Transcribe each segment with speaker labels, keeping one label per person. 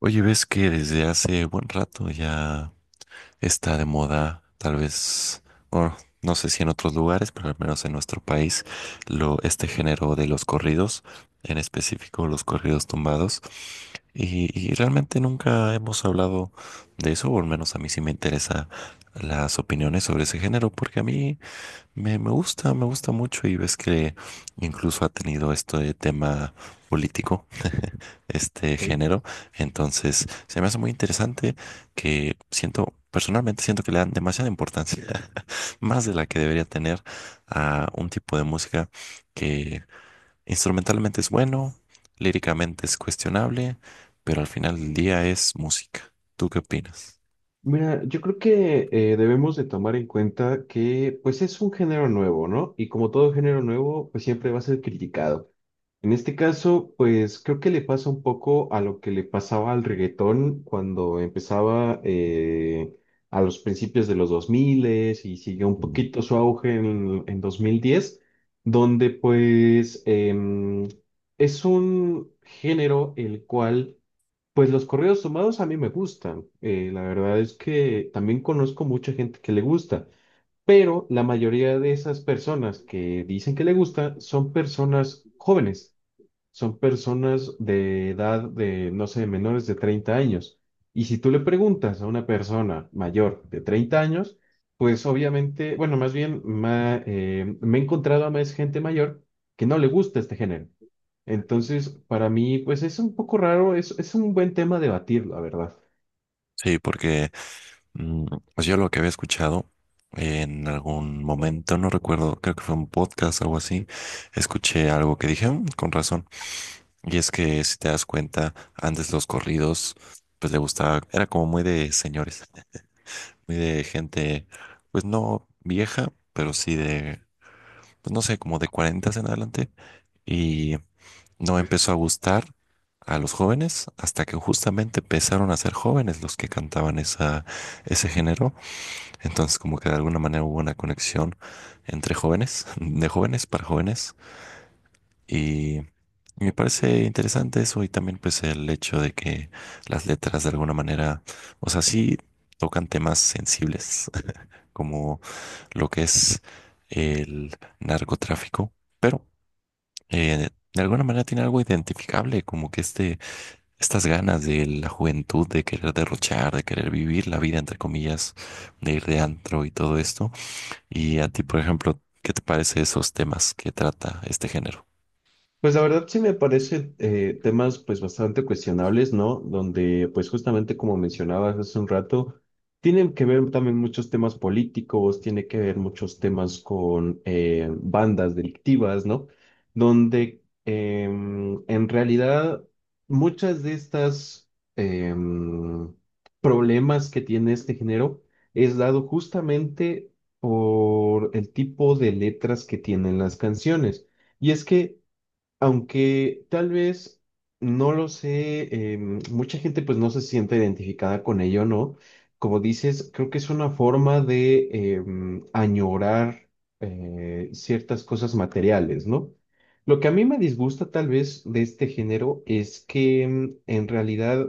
Speaker 1: Oye, ves que desde hace buen rato ya está de moda, tal vez, bueno, no sé si en otros lugares, pero al menos en nuestro país, lo, este género de los corridos, en específico los corridos tumbados. Y realmente nunca hemos hablado de eso, o al menos a mí sí me interesa las opiniones sobre ese género, porque a mí me gusta, me gusta mucho y ves que incluso ha tenido esto de tema político este
Speaker 2: Ok.
Speaker 1: género. Entonces, se me hace muy interesante que siento, personalmente siento que le dan demasiada importancia, más de la que debería tener a un tipo de música que instrumentalmente es bueno, líricamente es cuestionable, pero al final del día es música. ¿Tú qué opinas?
Speaker 2: Mira, yo creo que debemos de tomar en cuenta que pues es un género nuevo, ¿no? Y como todo género nuevo, pues siempre va a ser criticado. En este caso, pues creo que le pasa un poco a lo que le pasaba al reggaetón cuando empezaba a los principios de los 2000 y siguió un
Speaker 1: Mm.
Speaker 2: poquito su auge en 2010, donde es un género el cual. Pues los corridos tomados a mí me gustan. La verdad es que también conozco mucha gente que le gusta, pero la mayoría de esas personas que dicen que le gusta son personas jóvenes, son personas de edad de, no sé, menores de 30 años. Y si tú le preguntas a una persona mayor de 30 años, pues obviamente, bueno, más bien me he encontrado a más gente mayor que no le gusta este género. Entonces, para mí, pues es un poco raro, es un buen tema debatir, la verdad.
Speaker 1: Sí, porque mm, pues yo lo que había escuchado en algún momento, no recuerdo, creo que fue un podcast o algo así, escuché algo que dije, "Mm, con razón. Y es que si te das cuenta, antes los corridos, pues le gustaba, era como muy de señores, muy de gente, pues no vieja, pero sí de, pues no sé, como de 40 en adelante. Y no empezó a gustar a los jóvenes hasta que justamente empezaron a ser jóvenes los que cantaban esa, ese género. Entonces como que de alguna manera hubo una conexión entre jóvenes, de jóvenes para jóvenes. Me parece interesante eso y también pues el hecho de que las letras de alguna manera, o sea, sí tocan temas sensibles como lo que es el narcotráfico, pero de alguna manera tiene algo identificable, como que este, estas ganas de la juventud de querer derrochar, de querer vivir la vida, entre comillas, de ir de antro y todo esto. Y a ti, por ejemplo, ¿qué te parece esos temas que trata este género?
Speaker 2: Pues la verdad sí me parece temas pues bastante cuestionables, ¿no? Donde pues justamente como mencionabas hace un rato, tienen que ver también muchos temas políticos, tiene que ver muchos temas con bandas delictivas, ¿no? Donde en realidad muchas de estas em, problemas que tiene este género es dado justamente por el tipo de letras que tienen las canciones. Y es que aunque tal vez no lo sé, mucha gente pues no se siente identificada con ello, ¿no? Como dices, creo que es una forma de añorar ciertas cosas materiales, ¿no? Lo que a mí me disgusta tal vez de este género es que en realidad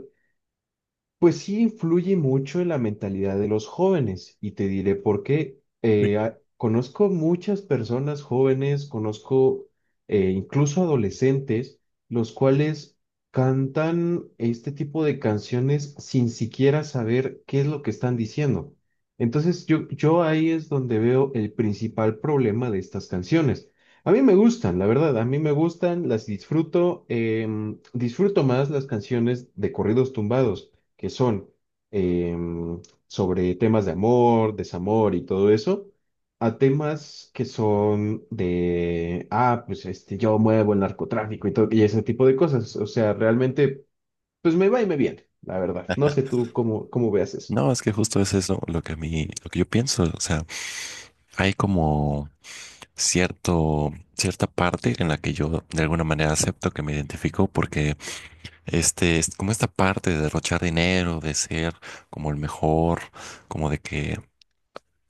Speaker 2: pues sí influye mucho en la mentalidad de los jóvenes y te diré por qué. Conozco muchas personas jóvenes, conozco incluso adolescentes, los cuales cantan este tipo de canciones sin siquiera saber qué es lo que están diciendo. Entonces yo ahí es donde veo el principal problema de estas canciones. A mí me gustan, la verdad, a mí me gustan, las disfruto, disfruto más las canciones de corridos tumbados que son em, sobre temas de amor, desamor y todo eso, a temas que son de, ah, pues este, yo muevo el narcotráfico y todo, y ese tipo de cosas. O sea, realmente, pues me va y me viene, la verdad. No sé tú cómo, cómo veas eso.
Speaker 1: No, es que justo es eso lo que a mí, lo que yo pienso. O sea, hay como cierto, cierta parte en la que yo de alguna manera acepto que me identifico porque este es como esta parte de derrochar dinero, de ser como el mejor, como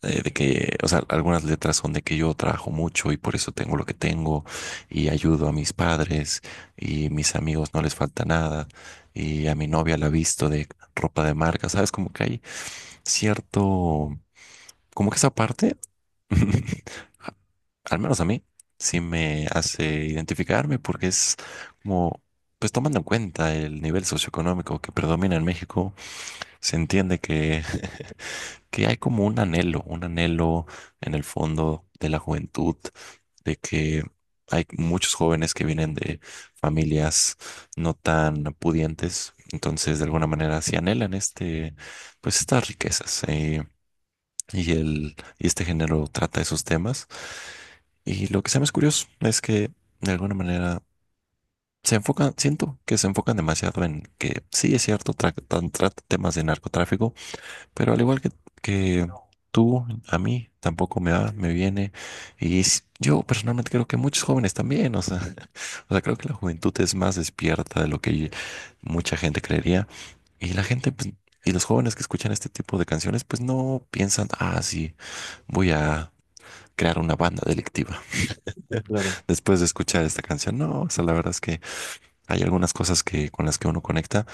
Speaker 1: de que, o sea, algunas letras son de que yo trabajo mucho y por eso tengo lo que tengo y ayudo a mis padres y mis amigos no les falta nada y a mi novia la visto de ropa de marca, ¿sabes? Como que hay cierto, como que esa parte, al menos a mí, sí me hace identificarme porque es como, pues tomando en cuenta el nivel socioeconómico que predomina en México, se entiende que hay como un anhelo en el fondo de la juventud, de que hay muchos jóvenes que vienen de familias no tan pudientes, entonces de alguna manera sí anhelan este, pues estas riquezas. Y, el, y este género trata esos temas. Y lo que se me es curioso es que de alguna manera se enfocan, siento que se enfocan demasiado en que sí es cierto, trata temas de narcotráfico, pero al igual que tú, a mí tampoco me va, me viene. Y yo personalmente creo que muchos jóvenes también, o sea, o sea, creo que la juventud es más despierta de lo que mucha gente creería. Y la gente, pues, y los jóvenes que escuchan este tipo de canciones, pues no piensan, ah, sí. Voy a crear una banda delictiva.
Speaker 2: Claro.
Speaker 1: Después de escuchar esta canción, no, o sea, la verdad es que hay algunas cosas que con las que uno conecta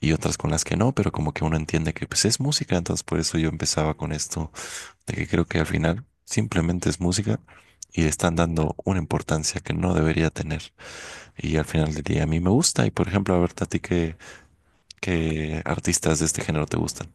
Speaker 1: y otras con las que no, pero como que uno entiende que pues es música, entonces por eso yo empezaba con esto de que creo que al final simplemente es música y le están dando una importancia que no debería tener y al final del día a mí me gusta y por ejemplo, a ver, a ti qué, ¿qué artistas de este género te gustan?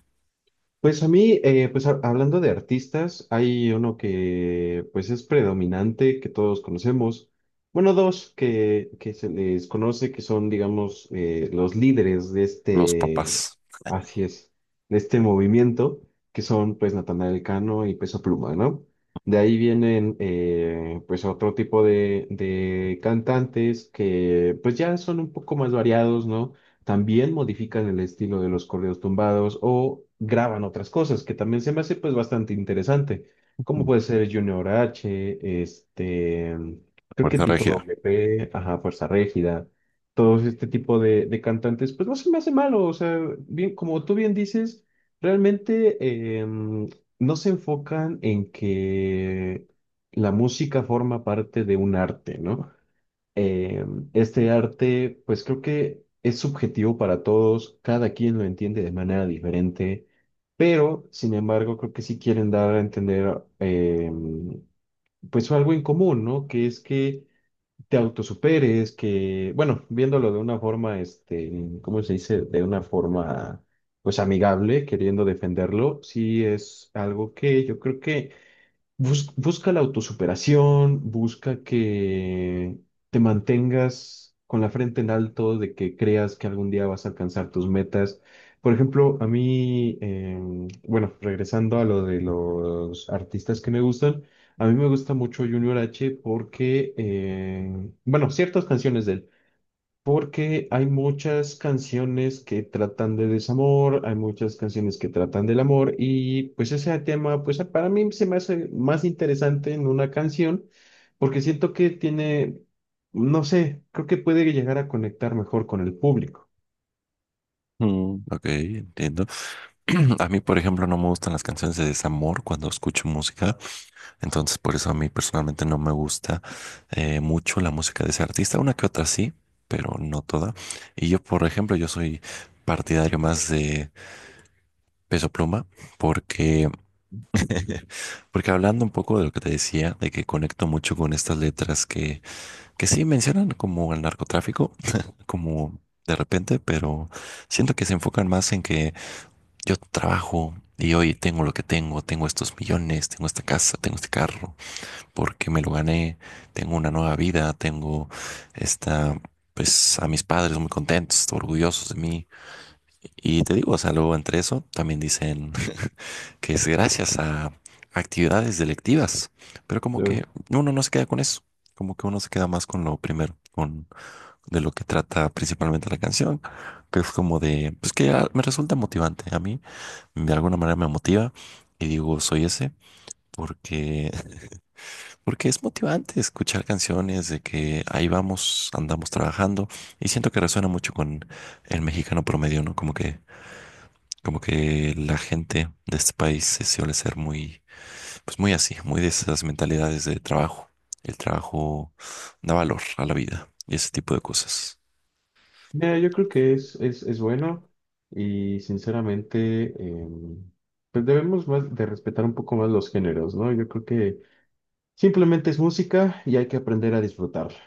Speaker 2: Pues a mí, hablando de artistas, hay uno que pues es predominante, que todos conocemos. Bueno, dos que se les conoce, que son, digamos, los líderes de
Speaker 1: Los
Speaker 2: este,
Speaker 1: papás,
Speaker 2: así es, de este movimiento, que son pues Natanael Cano y Peso Pluma, ¿no? De ahí vienen pues otro tipo de cantantes que pues ya son un poco más variados, ¿no? También modifican el estilo de los corridos tumbados o graban otras cosas, que también se me hace pues bastante interesante, como puede ser Junior H, este, creo que
Speaker 1: Fuerza
Speaker 2: Tito
Speaker 1: regida.
Speaker 2: WP, ajá, Fuerza Régida, todos este tipo de cantantes, pues no se me hace malo, o sea, bien, como tú bien dices, realmente no se enfocan en que la música forma parte de un arte, ¿no? eh, este arte, pues creo que es subjetivo para todos, cada quien lo entiende de manera diferente, pero sin embargo creo que sí quieren dar a entender pues algo en común, ¿no? Que es que te autosuperes, que, bueno, viéndolo de una forma, este, ¿cómo se dice? De una forma pues amigable, queriendo defenderlo, sí es algo que yo creo que. Busca la autosuperación, busca que te mantengas con la frente en alto, de que creas que algún día vas a alcanzar tus metas. Por ejemplo, a mí, bueno, regresando a lo de los artistas que me gustan, a mí me gusta mucho Junior H porque, bueno, ciertas canciones de él. Porque hay muchas canciones que tratan de desamor, hay muchas canciones que tratan del amor y pues ese tema, pues para mí se me hace más interesante en una canción porque siento que tiene, no sé, creo que puede llegar a conectar mejor con el público.
Speaker 1: Mm, ok, entiendo. A mí, por ejemplo, no me gustan las canciones de desamor cuando escucho música, entonces por eso a mí personalmente no me gusta mucho la música de ese artista, una que otra sí, pero no toda. Y yo, por ejemplo, yo soy partidario más de Peso Pluma porque, porque hablando un poco de lo que te decía, de que conecto mucho con estas letras que sí mencionan como el narcotráfico, como de repente, pero siento que se enfocan más en que yo trabajo y hoy tengo lo que tengo, tengo estos millones, tengo esta casa, tengo este carro, porque me lo gané, tengo una nueva vida, tengo esta, pues a mis padres muy contentos, orgullosos de mí. Y te digo, o sea, luego entre eso también dicen que es gracias a actividades delictivas, pero como
Speaker 2: Claro.
Speaker 1: que uno no se queda con eso, como que uno se queda más con lo primero, con de lo que trata principalmente la canción, que es como de, pues que ah, me resulta motivante a mí de alguna manera me motiva y digo, soy ese, porque, porque es motivante escuchar canciones de que ahí vamos, andamos trabajando y siento que resuena mucho con el mexicano promedio, ¿no? Como que la gente de este país se suele ser muy, pues muy así, muy de esas mentalidades de trabajo. El trabajo da valor a la vida y ese tipo de cosas.
Speaker 2: Mira, yo creo que es bueno y sinceramente, pues debemos más de respetar un poco más los géneros, ¿no? Yo creo que simplemente es música y hay que aprender a disfrutarla.